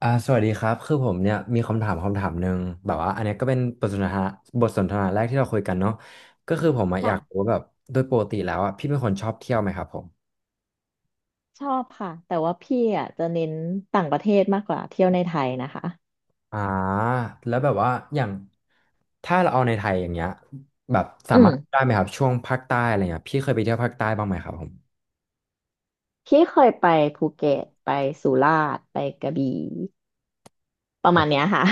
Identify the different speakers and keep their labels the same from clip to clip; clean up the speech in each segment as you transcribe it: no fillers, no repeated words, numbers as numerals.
Speaker 1: สวัสดีครับคือผมเนี่ยมีคำถามหนึ่งแบบว่าอันเนี้ยก็เป็นบทสนทนาแรกที่เราคุยกันเนาะก็คือผมอะอยากรู้
Speaker 2: ค่ะ
Speaker 1: ว่าแบบโดยปกติแล้วอ่ะพี่เป็นคนชอบเที่ยวไหมครับผม
Speaker 2: ชอบค่ะแต่ว่าพี่อ่ะจะเน้นต่างประเทศมากกว่าเที่ยวในไทยนะคะ
Speaker 1: อ่าแล้วแบบว่าอย่างถ้าเราเอาในไทยอย่างเงี้ยแบบสา
Speaker 2: อืม
Speaker 1: มารถได้ไหมครับช่วงภาคใต้อะไรเงี้ยพี่เคยไปเที่ยวภาคใต้บ้างไหมครับผม
Speaker 2: พี่เคยไปภูเก็ตไปสุราษฎร์ไปกระบี่ประมาณเนี้ยค่ะ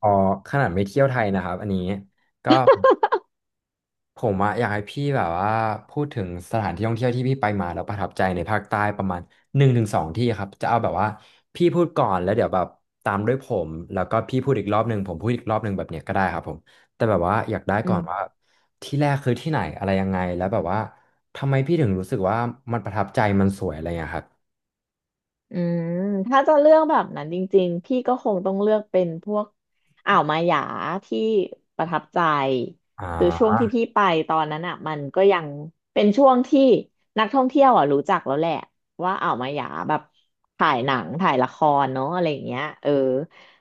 Speaker 1: อ๋อขนาดไม่เที่ยวไทยนะครับอันนี้ก็ ผมอะอยากให้พี่แบบว่าพูดถึงสถานที่ท่องเที่ยวที่พี่ไปมาแล้วประทับใจในภาคใต้ประมาณหนึ่งถึงสองที่ครับจะเอาแบบว่าพี่พูดก่อนแล้วเดี๋ยวแบบตามด้วยผมแล้วก็พี่พูดอีกรอบหนึ่งผมพูดอีกรอบหนึ่งแบบเนี้ยก็ได้ครับผมแต่แบบว่าอยากได้
Speaker 2: อื
Speaker 1: ก่อนว่า
Speaker 2: ม
Speaker 1: ที่แรกคือที่ไหนอะไรยังไงแล้วแบบว่าทำไมพี่ถึงรู้สึกว่ามันประทับใจมันสวยอะไรอย่างเงี้ยครับ
Speaker 2: อืมถ้าจะเลือกแบบนั้นจริงๆพี่ก็คงต้องเลือกเป็นพวกอ่าวมาหยาที่ประทับใจ
Speaker 1: อ่
Speaker 2: คือช่วง
Speaker 1: า
Speaker 2: ที่พี่ไปตอนนั้นอ่ะมันก็ยังเป็นช่วงที่นักท่องเที่ยวอ่ะรู้จักแล้วแหละว่าอ่าวมาหยาแบบถ่ายหนังถ่ายละครเนาะอะไรอย่างเงี้ยเออ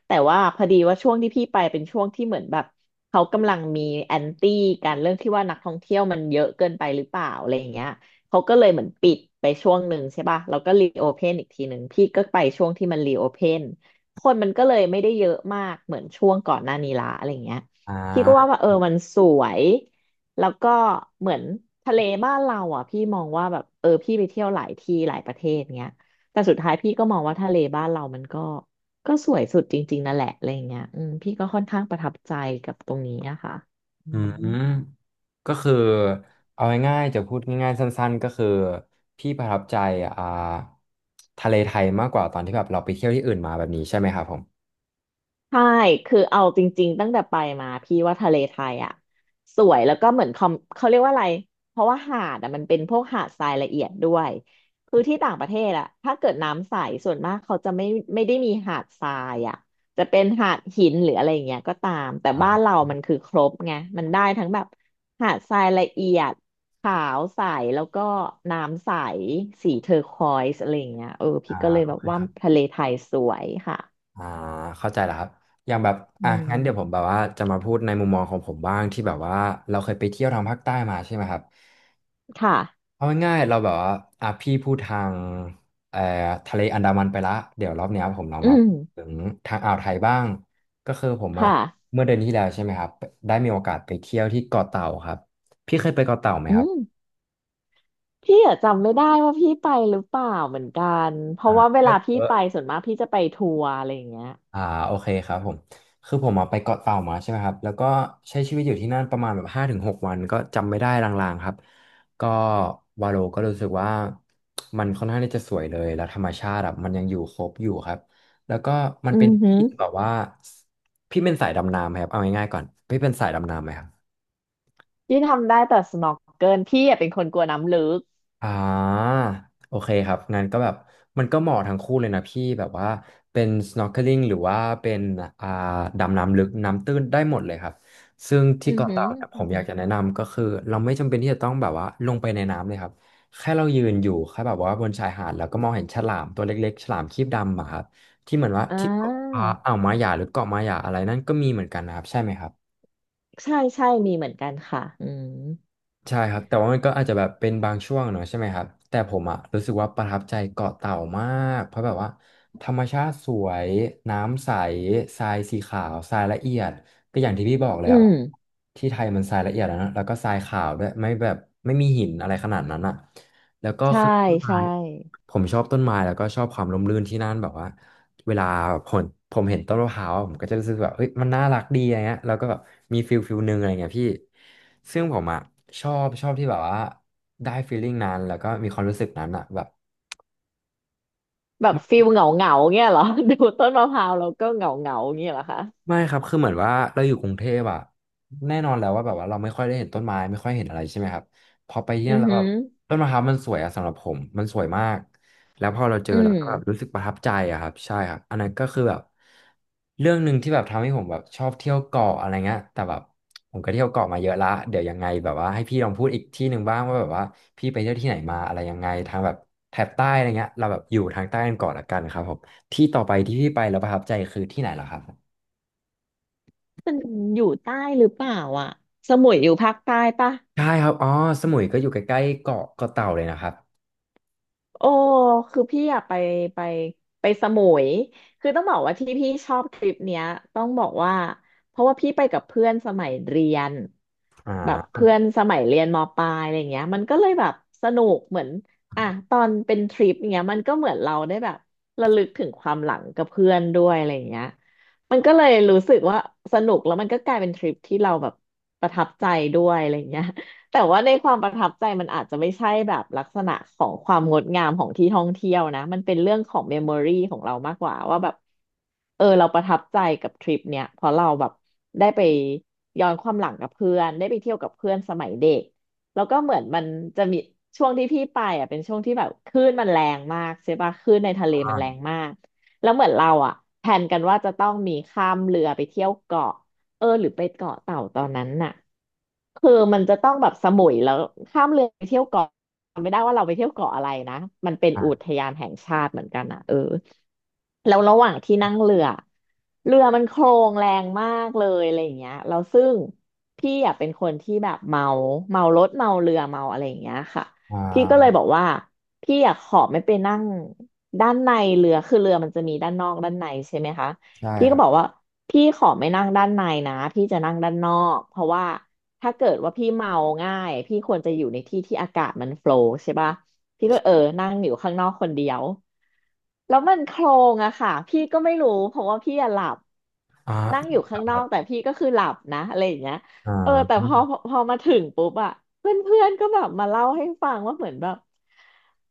Speaker 2: แต่ว่าพอดีว่าช่วงที่พี่ไปเป็นช่วงที่เหมือนแบบเขากำลังมีแอนตี้กันเรื่องที่ว่านักท่องเที่ยวมันเยอะเกินไปหรือเปล่าอะไรอย่างเงี้ย เขาก็เลยเหมือนปิดไปช่วงหนึ่งใช่ป่ะแล้วก็รีโอเพนอีกทีหนึ่งพี่ก็ไปช่วงที่มันรีโอเพนคนมันก็เลยไม่ได้เยอะมากเหมือนช่วงก่อนหน้านี้ละอะไรเงี้ย
Speaker 1: อ่
Speaker 2: พี่ก็ว่า
Speaker 1: า
Speaker 2: ว่าเออมันสวยแล้วก็เหมือนทะเลบ้านเราอ่ะพี่มองว่าแบบเออพี่ไปเที่ยวหลายที่หลายประเทศเงี้ยแต่สุดท้ายพี่ก็มองว่าทะเลบ้านเรามันก็สวยสุดจริงๆนั่นแหละอะไรอย่างเงี้ยอืมพี่ก็ค่อนข้างประทับใจกับตรงนี้นะคะอื
Speaker 1: อื
Speaker 2: ม
Speaker 1: มก็คือเอาง่ายๆจะพูดง่ายๆสั้นๆก็คือพี่ประทับใจอ่าทะเลไทยมากกว่าตอนที่แบบเราไปเที่ยวที่อื่นมาแบบนี้ใช่ไหมครับผม
Speaker 2: ใช่คือเอาจริงๆตั้งแต่ไปมาพี่ว่าทะเลไทยอ่ะสวยแล้วก็เหมือนคอมเขาเรียกว่าอะไรเพราะว่าหาดอ่ะมันเป็นพวกหาดทรายละเอียดด้วยคือที่ต่างประเทศอ่ะถ้าเกิดน้ำใสส่วนมากเขาจะไม่ได้มีหาดทรายอ่ะจะเป็นหาดหินหรืออะไรอย่างเงี้ยก็ตามแต่บ้านเรามันคือครบไงมันได้ทั้งแบบหาดทรายละเอียดขาวใสแล้วก็น้ำใสสีเทอร์ควอยซ์อะไรอย่างเงี้ยเออ
Speaker 1: อ่า
Speaker 2: พี่ก็เลย
Speaker 1: โอ
Speaker 2: แบบ
Speaker 1: เค
Speaker 2: ว่า
Speaker 1: ครับ
Speaker 2: ทะเลไทยสวยค่ะ
Speaker 1: อ่าเข้าใจแล้วครับอย่างแบบ
Speaker 2: อื
Speaker 1: อ่ะงั้น
Speaker 2: ม
Speaker 1: เดี๋ยวผมแบบว่าจะมาพูดในมุมมองของผมบ้างที่แบบว่าเราเคยไปเที่ยวทางภาคใต้มาใช่ไหมครับ
Speaker 2: ค่ะ
Speaker 1: เอาง่ายๆเราแบบว่าอ่ะพี่พูดทางเอ่อทะเลอันดามันไปละเดี๋ยวรอบเนี้ยผมลอง
Speaker 2: อื
Speaker 1: มา
Speaker 2: ม
Speaker 1: ถึงทางอ่าวไทยบ้างก็คือผมอะ
Speaker 2: ค่ะ
Speaker 1: เมื่อเดือนที่แล้วใช่ไหมครับได้มีโอกาสไปเที่ยวที่เกาะเต่าครับพี่เคยไปเกาะเต่าไหม
Speaker 2: อื
Speaker 1: ครับ
Speaker 2: มพี่อะจำไม่ได้ว่าพี่ไปหรือเปล่าเหมือนกันเพ
Speaker 1: อ่า
Speaker 2: ราะว่าเว
Speaker 1: เที่ย
Speaker 2: ลา
Speaker 1: วเย
Speaker 2: พี่
Speaker 1: อะ
Speaker 2: ไปส่วนมากพี่จะไปทัวร์อะไรอย่างเงี้ย
Speaker 1: อ่าโอเคครับผมคือผมอาไปเกาะเต่ามาใช่ไหมครับแล้วก็ใช้ชีวิตอยู่ที่นั่นประมาณแบบห้าถึงหกวันก็จำไม่ได้ลางๆครับก็วาโลก็รู้สึกว่ามันค่อนข้างที่จะสวยเลยแล้วธรรมชาติอะมันยังอยู่ครบอยู่ครับแล้วก็มัน
Speaker 2: อื
Speaker 1: เป็
Speaker 2: อ
Speaker 1: น
Speaker 2: หือ
Speaker 1: ที่แบบว่าพี่เป็นสายดำน้ำไหมครับเอาง่ายๆก่อนพี่เป็นสายดำน้ำไหมครับ
Speaker 2: พี่ทำได้แต่ snorkel พี่อะเป็นคนกลัวน้ำลึก
Speaker 1: อ่าโอเคครับงั้นก็แบบมันก็เหมาะทั้งคู่เลยนะพี่แบบว่าเป็น snorkeling หรือว่าเป็นอ่าดำน้ำลึกน้ำตื้นได้หมดเลยครับซึ่ง
Speaker 2: อื
Speaker 1: ที่
Speaker 2: อ
Speaker 1: เกาะ
Speaker 2: หือ
Speaker 1: เต่าเนี่ยผ
Speaker 2: อือ
Speaker 1: มอ
Speaker 2: หื
Speaker 1: ยาก
Speaker 2: อ
Speaker 1: จะแนะนำก็คือเราไม่จำเป็นที่จะต้องแบบว่าลงไปในน้ำเลยครับแค่เรายืนอยู่แค่แบบว่าบนชายหาดแล้วก็มองเห็นฉลามตัวเล็กๆฉลามครีบดำอะครับที่เหมือนว่า
Speaker 2: อ่
Speaker 1: ที่เกาะ
Speaker 2: า
Speaker 1: อ่าวมาหยาหรือเกาะมาหยาอะไรนั่นก็มีเหมือนกันนะครับใช่ไหมครับ
Speaker 2: ใช่ใช่มีเหมือนกันค่ะอืม
Speaker 1: ใช่ครับแต่ว่ามันก็อาจจะแบบเป็นบางช่วงเนอะใช่ไหมครับแต่ผมอะรู้สึกว่าประทับใจเกาะเต่ามากเพราะแบบว่าธรรมชาติสวยน้ำใสทรายสีขาวทรายละเอียดก็อย่างที่พี่บอกเล
Speaker 2: อื
Speaker 1: ยอะ
Speaker 2: ม
Speaker 1: ที่ไทยมันทรายละเอียดแล้วนะแล้วก็ทรายขาวด้วยไม่แบบไม่มีหินอะไรขนาดนั้นอะแล้วก็
Speaker 2: ใช่
Speaker 1: คือต้นไม้
Speaker 2: ใช่
Speaker 1: ผมชอบต้นไม้แล้วก็ชอบความร่มรื่นที่นั่นแบบว่า เวลาผมผมเห็นต้นมะพร้าวอะผมก็จะรู้สึกแบบเฮ้ยมันน่ารักดีอะไรเงี้ยแล้วก็แบบมีฟิลหนึ่งอะไรเงี้ยพี่ซึ่งผมอะชอบที่แบบว่าได้ฟีลลิ่งนั้นแล้วก็มีความรู้สึกนั้นอะแบบ
Speaker 2: แบบฟิลเหงาเหงาเงี้ยเหรอ ดูต้นมะพร้าวแล้วก็เหงาเหงาเงี้ยเหรอคะ
Speaker 1: ไม่ครับคือเหมือนว่าเราอยู่กรุงเทพอะแน่นอนแล้วว่าแบบว่าเราไม่ค่อยได้เห็นต้นไม้ไม่ค่อยเห็นอะไรใช่ไหมครับพอไปที่
Speaker 2: อื
Speaker 1: นั่น
Speaker 2: อ
Speaker 1: แล้วแบ
Speaker 2: หื
Speaker 1: บ
Speaker 2: อ
Speaker 1: ต้นมะพร้าวมันสวยอะสำหรับผมมันสวยมากแล้วพอเราเจอ
Speaker 2: อื
Speaker 1: เรา
Speaker 2: ม
Speaker 1: ก็แบบรู้สึกประทับใจอะครับใช่ครับอันนั้นก็คือแบบเรื่องหนึ่งที่แบบทำให้ผมแบบชอบเที่ยวเกาะอะไรเงี้ยแต่แบบผมก็เที่ยวเกาะมาเยอะละเดี๋ยวยังไงแบบว่าให้พี่ลองพูดอีกที่หนึ่งบ้างว่าแบบว่าพี่ไปเที่ยวที่ไหนมาอะไรยังไงทางแบบแถบใต้อะไรเงี้ยเราแบบอยู่ทางใต้กันก่อนละกันครับผมที่ต่อไปที่พี่ไปแล้วประทับใจคือที่ไหนเหรอครับ
Speaker 2: มันอยู่ใต้หรือเปล่าอ่ะสมุยอยู่ภาคใต้ปะ
Speaker 1: ใช่ครับอ๋อสมุยก็อยู่ใกล้ๆเกาะเต่าเลยนะครับ
Speaker 2: โอ้คือพี่อยากไปไปสมุยคือต้องบอกว่าที่พี่ชอบทริปเนี้ยต้องบอกว่าเพราะว่าพี่ไปกับเพื่อนสมัยเรียน
Speaker 1: อ่
Speaker 2: แบบ
Speaker 1: า
Speaker 2: เพื่อนสมัยเรียนมปลายอะไรเงี้ยมันก็เลยแบบสนุกเหมือนอ่ะตอนเป็นทริปเงี้ยมันก็เหมือนเราได้แบบระลึกถึงความหลังกับเพื่อนด้วยอะไรเงี้ยมันก็เลยรู้สึกว่าสนุกแล้วมันก็กลายเป็นทริปที่เราแบบประทับใจด้วยอะไรเงี้ย แต่ว่าในความประทับใจมันอาจจะไม่ใช่แบบลักษณะของความงดงามของที่ท่องเที่ยวนะมันเป็นเรื่องของเมมโมรีของเรามากกว่าว่าแบบเออเราประทับใจกับทริปเนี้ยเพราะเราแบบได้ไปย้อนความหลังกับเพื่อนได้ไปเที่ยวกับเพื่อนสมัยเด็กแล้วก็เหมือนมันจะมีช่วงที่พี่ไปอ่ะเป็นช่วงที่แบบคลื่นมันแรงมากใช่ปะคลื่นในทะเลมันแร
Speaker 1: อ่า
Speaker 2: งมากแล้วเหมือนเราอ่ะแผนกันว่าจะต้องมีข้ามเรือไปเที่ยวเกาะ เออหรือไปเกาะเต่าตอนนั้นน่ะคือมันจะต้องแบบสมุยแล้วข้ามเรือไปเที่ยวเกาะไม่ได้ว่าเราไปเที่ยวเกาะอะไรนะมันเป็นอุ
Speaker 1: อ่า
Speaker 2: ทยานแห่งชาติเหมือนกันอ่ะเออแล้วระหว่างที่นั่งเรือเรือมันโคลงแรงมากเลยอะไรอย่างเงี้ยแล้วซึ่งพี่อ่ะเป็นคนที่แบบเมาเมารถเมาเรือเมาอะไรอย่างเงี้ยค่ะ
Speaker 1: อ่
Speaker 2: พี่ก็เลย
Speaker 1: า
Speaker 2: บอกว่าพี่อยากขอไม่ไปนั่งด้านในเรือคือเรือมันจะมีด้านนอกด้านในใช่ไหมคะ
Speaker 1: ใช่
Speaker 2: พี่
Speaker 1: ค
Speaker 2: ก็
Speaker 1: รับ
Speaker 2: บอกว่าพี่ขอไม่นั่งด้านในนะพี่จะนั่งด้านนอกเพราะว่าถ้าเกิดว่าพี่เมาง่ายพี่ควรจะอยู่ในที่ที่อากาศมันโฟลว์ใช่ปะพี่ก็เออนั่งอยู่ข้างนอกคนเดียวแล้วมันโคลงอะค่ะพี่ก็ไม่รู้เพราะว่าพี่อะหลับ
Speaker 1: อ่า
Speaker 2: นั่งอยู่ข้าง
Speaker 1: ค
Speaker 2: นอ
Speaker 1: รับ
Speaker 2: กแต่พี่ก็คือหลับนะอะไรอย่างเงี้ย
Speaker 1: อ่
Speaker 2: เออแต่พอ
Speaker 1: า
Speaker 2: พอพอมาถึงปุ๊บอะเพื่อนเพื่อนก็แบบมาเล่าให้ฟังว่าเหมือนแบบ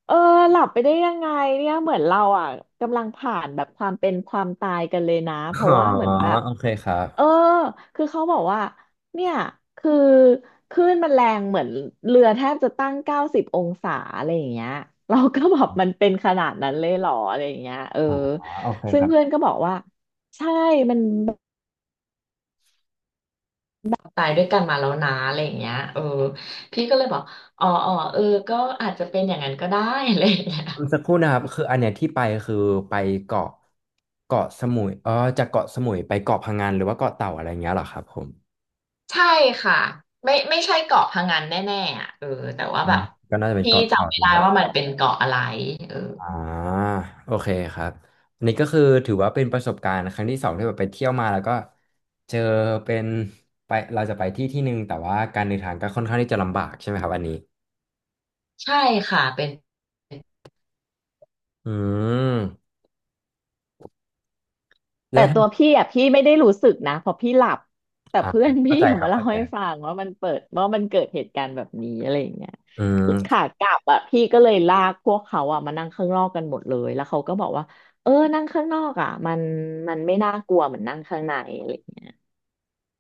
Speaker 2: เออหลับไปได้ยังไงเนี่ยเหมือนเราอ่ะกำลังผ่านแบบความเป็นความตายกันเลยนะเพ
Speaker 1: อ๋
Speaker 2: ราะ
Speaker 1: อ
Speaker 2: ว่าเหมือนแบบ
Speaker 1: โอเคครับ
Speaker 2: เออคือเขาบอกว่าเนี่ยคือคลื่นมันแรงเหมือนเรือแทบจะตั้ง90 องศาอะไรอย่างเงี้ยเราก็แบบมันเป็นขนาดนั้นเลยเหรออะไรอย่างเงี้ยเออ
Speaker 1: อ่าโอเค
Speaker 2: ซึ่
Speaker 1: ค
Speaker 2: ง
Speaker 1: รับ
Speaker 2: เพื่อนก็บอกว่าใช่มันตายด้วยกันมาแล้วนะอะไรอย่างเงี้ยเออพี่ก็เลยบอกอ๋ออ๋อเออก็อาจจะเป็นอย่างนั้นก็ได้ อะไรอย่างเงี้ย
Speaker 1: สักครู่นะครับคืออันเนี้ยที่ไปคือไปเกาะเกาะสมุยเออจากเกาะสมุยไปเกาะพะงันหรือว่าเกาะเต่าอะไรเงี้ยเหรอครับผม
Speaker 2: ใช่ค่ะไม่ใช่เกาะพะงันแน่ๆอ่ะเออแต่ว่า
Speaker 1: อ่า
Speaker 2: แบบ
Speaker 1: ก็น่าจะเป็น
Speaker 2: พี่
Speaker 1: เกาะเต่า
Speaker 2: จำไม่ได้ว่ามันเป็นเกาะอะไรเออ
Speaker 1: อ่าโอเคครับอันนี้ก็คือถือว่าเป็นประสบการณ์ครั้งที่สองที่แบบไปเที่ยวมาแล้วก็เจอเป็นไปเราจะไปที่ที่หนึ่งแต่ว่าการเดินทางก็ค่อนข้างที่จะลำบากใช่ไหมครับอันนี้
Speaker 2: ใช่ค่ะเป็น
Speaker 1: อืมแล้
Speaker 2: แต่
Speaker 1: วถ้า
Speaker 2: ตัวพี่อ่ะพี่ไม่ได้รู้สึกนะเพราะพี่หลับแต่
Speaker 1: อ่า
Speaker 2: เพื่อน
Speaker 1: เข้า
Speaker 2: พี่
Speaker 1: ใจ
Speaker 2: อะ
Speaker 1: ครั
Speaker 2: มา
Speaker 1: บ
Speaker 2: เล่า
Speaker 1: เข้าใจ
Speaker 2: ให้
Speaker 1: ครั
Speaker 2: ฟั
Speaker 1: บ
Speaker 2: งว่ามันเปิดว่ามันเกิดเหตุการณ์แบบนี้อะไรอย่างเงี้ย
Speaker 1: อื
Speaker 2: ขา
Speaker 1: ม
Speaker 2: กลับอ่ะพี่ก็เลยลากพวกเขาอ่ะมานั่งข้างนอกกันหมดเลยแล้วเขาก็บอกว่าเออนั่งข้างนอกอ่ะมันไม่น่ากลัวเหมือนนั่งข้างในอะไรอย่างเงี้ย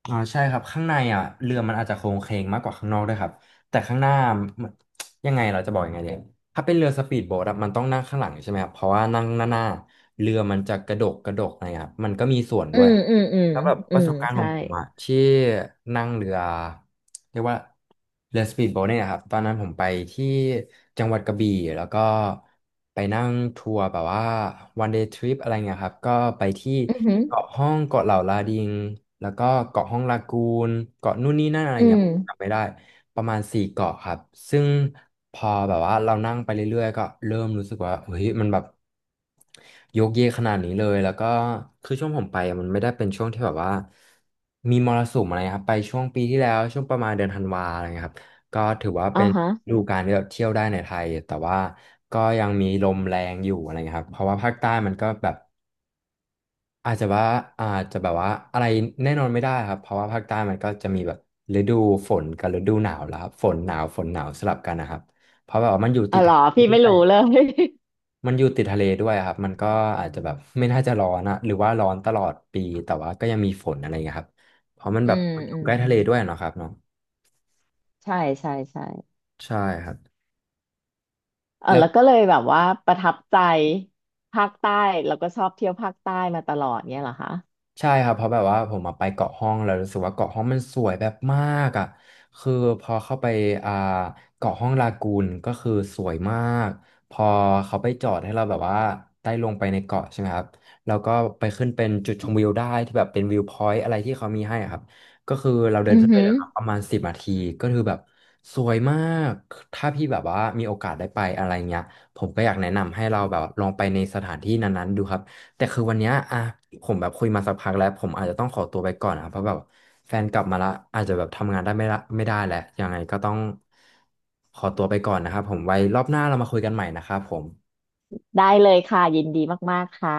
Speaker 1: ใช่ครับข้างในอ่ะเรือมันอาจจะโครงเคลงมากกว่าข้างนอกด้วยครับแต่ข้างหน้ามันยังไงเราจะบอกยังไงเนี่ยถ้าเป็นเรือสปีดโบ๊ทอะมันต้องนั่งข้างหลังใช่ไหมครับเพราะว่านั่งหน้าเรือมันจะกระดกกระดกนะครับมันก็มีส่วน
Speaker 2: อื
Speaker 1: ด้วย
Speaker 2: มอืมอืม
Speaker 1: แล้วแบบป
Speaker 2: อื
Speaker 1: ระส
Speaker 2: ม
Speaker 1: บการณ์ขอ
Speaker 2: ใช่
Speaker 1: งผมอะที่นั่งเรือเรียกว่าเรือสปีดโบ๊ทเนี่ยะครับตอนนั้นผมไปที่จังหวัดกระบี่แล้วก็ไปนั่งทัวร์แบบว่า one day trip อะไรเงี้ยครับก็ไปที่
Speaker 2: อือหือ
Speaker 1: เกาะห้องเกาะเหล่าลาดิงแล้วก็เกาะห้องลากูนเกาะนู่นนี่นั่นอะไร
Speaker 2: อื
Speaker 1: เงี้ย
Speaker 2: ม
Speaker 1: ผมจำไม่ได้ประมาณสี่เกาะครับซึ่งพอแบบว่าเรานั่งไปเรื่อยๆก็เริ่มรู้สึกว่าเฮ้ยมันแบบ โยกเยกขนาดนี้เลยแล้วก็คือช่วงผมไปอะมันไม่ได้เป็นช่วงที่แบบว่ามีมรสุมอะไรครับไปช่วงปีที่แล้วช่วงประมาณเดือนธันวาอะไรเงี้ยครับก็ถือว่า
Speaker 2: อ่า
Speaker 1: เป็น
Speaker 2: ฮะ
Speaker 1: ฤดูกาลที่แบบเที่ยวได้ในไทยแต่ว่าก็ยังมีลมแรงอยู่อะไรเงี้ยครับเพราะว่าภาคใต้มันก็แบบอาจจะว่าอาจจะแบบว่าอะไรแน่นอนไม่ได้ครับเพราะว่าภาคใต้มันก็จะมีแบบฤดูฝนกับฤดูหนาวแล้วครับฝนหนาวฝนหนาวสลับกันนะครับเพราะแบบว่ามันอยู่
Speaker 2: อ๋
Speaker 1: ติ
Speaker 2: อ
Speaker 1: ด
Speaker 2: เหร
Speaker 1: ทะ
Speaker 2: อ
Speaker 1: เล
Speaker 2: พี่
Speaker 1: ด้
Speaker 2: ไม่
Speaker 1: วย
Speaker 2: รู้เลย
Speaker 1: มันอยู่ติดทะเลด้วยครับ มันก็อาจจะแบบ ไม่น่าจะร้อนอะหรือว่าร้อนตลอดปี แต่ว่าก็ยังมีฝนอะไรเงี้ยครับ เพราะมัน
Speaker 2: อื
Speaker 1: แบบ
Speaker 2: ม
Speaker 1: อยู่
Speaker 2: อืม
Speaker 1: ใกล้
Speaker 2: อื
Speaker 1: ทะเล
Speaker 2: ม
Speaker 1: ด้วยเนาะครับเนาะ
Speaker 2: ใช่ใช่ใช่
Speaker 1: ใช่ครับ
Speaker 2: เออ
Speaker 1: แล้ว
Speaker 2: แล้วก็เลยแบบว่าประทับใจภาคใต้แล้วก็ชอบเที่ยวภาคใต้มาตลอดเนี่ยเหรอคะ
Speaker 1: ใช่ครับเพราะแบบว่าผมมาไปเกาะห้องแล้วรู้สึกว่าเกาะห้องมันสวยแบบมากอ่ะคือพอเข้าไปอ่าเกาะห้องลากูนก็คือสวยมากพอเขาไปจอดให้เราแบบว่าได้ลงไปในเกาะใช่ไหมครับแล้วก็ไปขึ้นเป็นจุดชมวิวได้ที่แบบเป็นวิวพอยต์อะไรที่เขามีให้อะครับก็คือเราเดิ
Speaker 2: อื
Speaker 1: น
Speaker 2: อ
Speaker 1: ขึ้นไป
Speaker 2: หื
Speaker 1: เล
Speaker 2: อ
Speaker 1: ยครับประมาณ10 นาทีก็คือแบบสวยมากถ้าพี่แบบว่ามีโอกาสได้ไปอะไรเงี้ยผมก็อยากแนะนำให้เราแบบลองไปในสถานที่นั้นๆดูครับ แต่คือวันเนี้ยอ่ะผมแบบคุยมาสักพักแล้วผมอาจจะต้องขอตัวไปก่อนนะเพราะแบบแฟนกลับมาละอาจจะแบบทำงานได้ไม่ละไม่ได้แหละยังไงก็ต้องขอตัวไปก่อนนะครับผมไว้รอบหน้าเรามาคุยกันใหม่นะครับผม
Speaker 2: ได้เลยค่ะยินดีมากๆค่ะ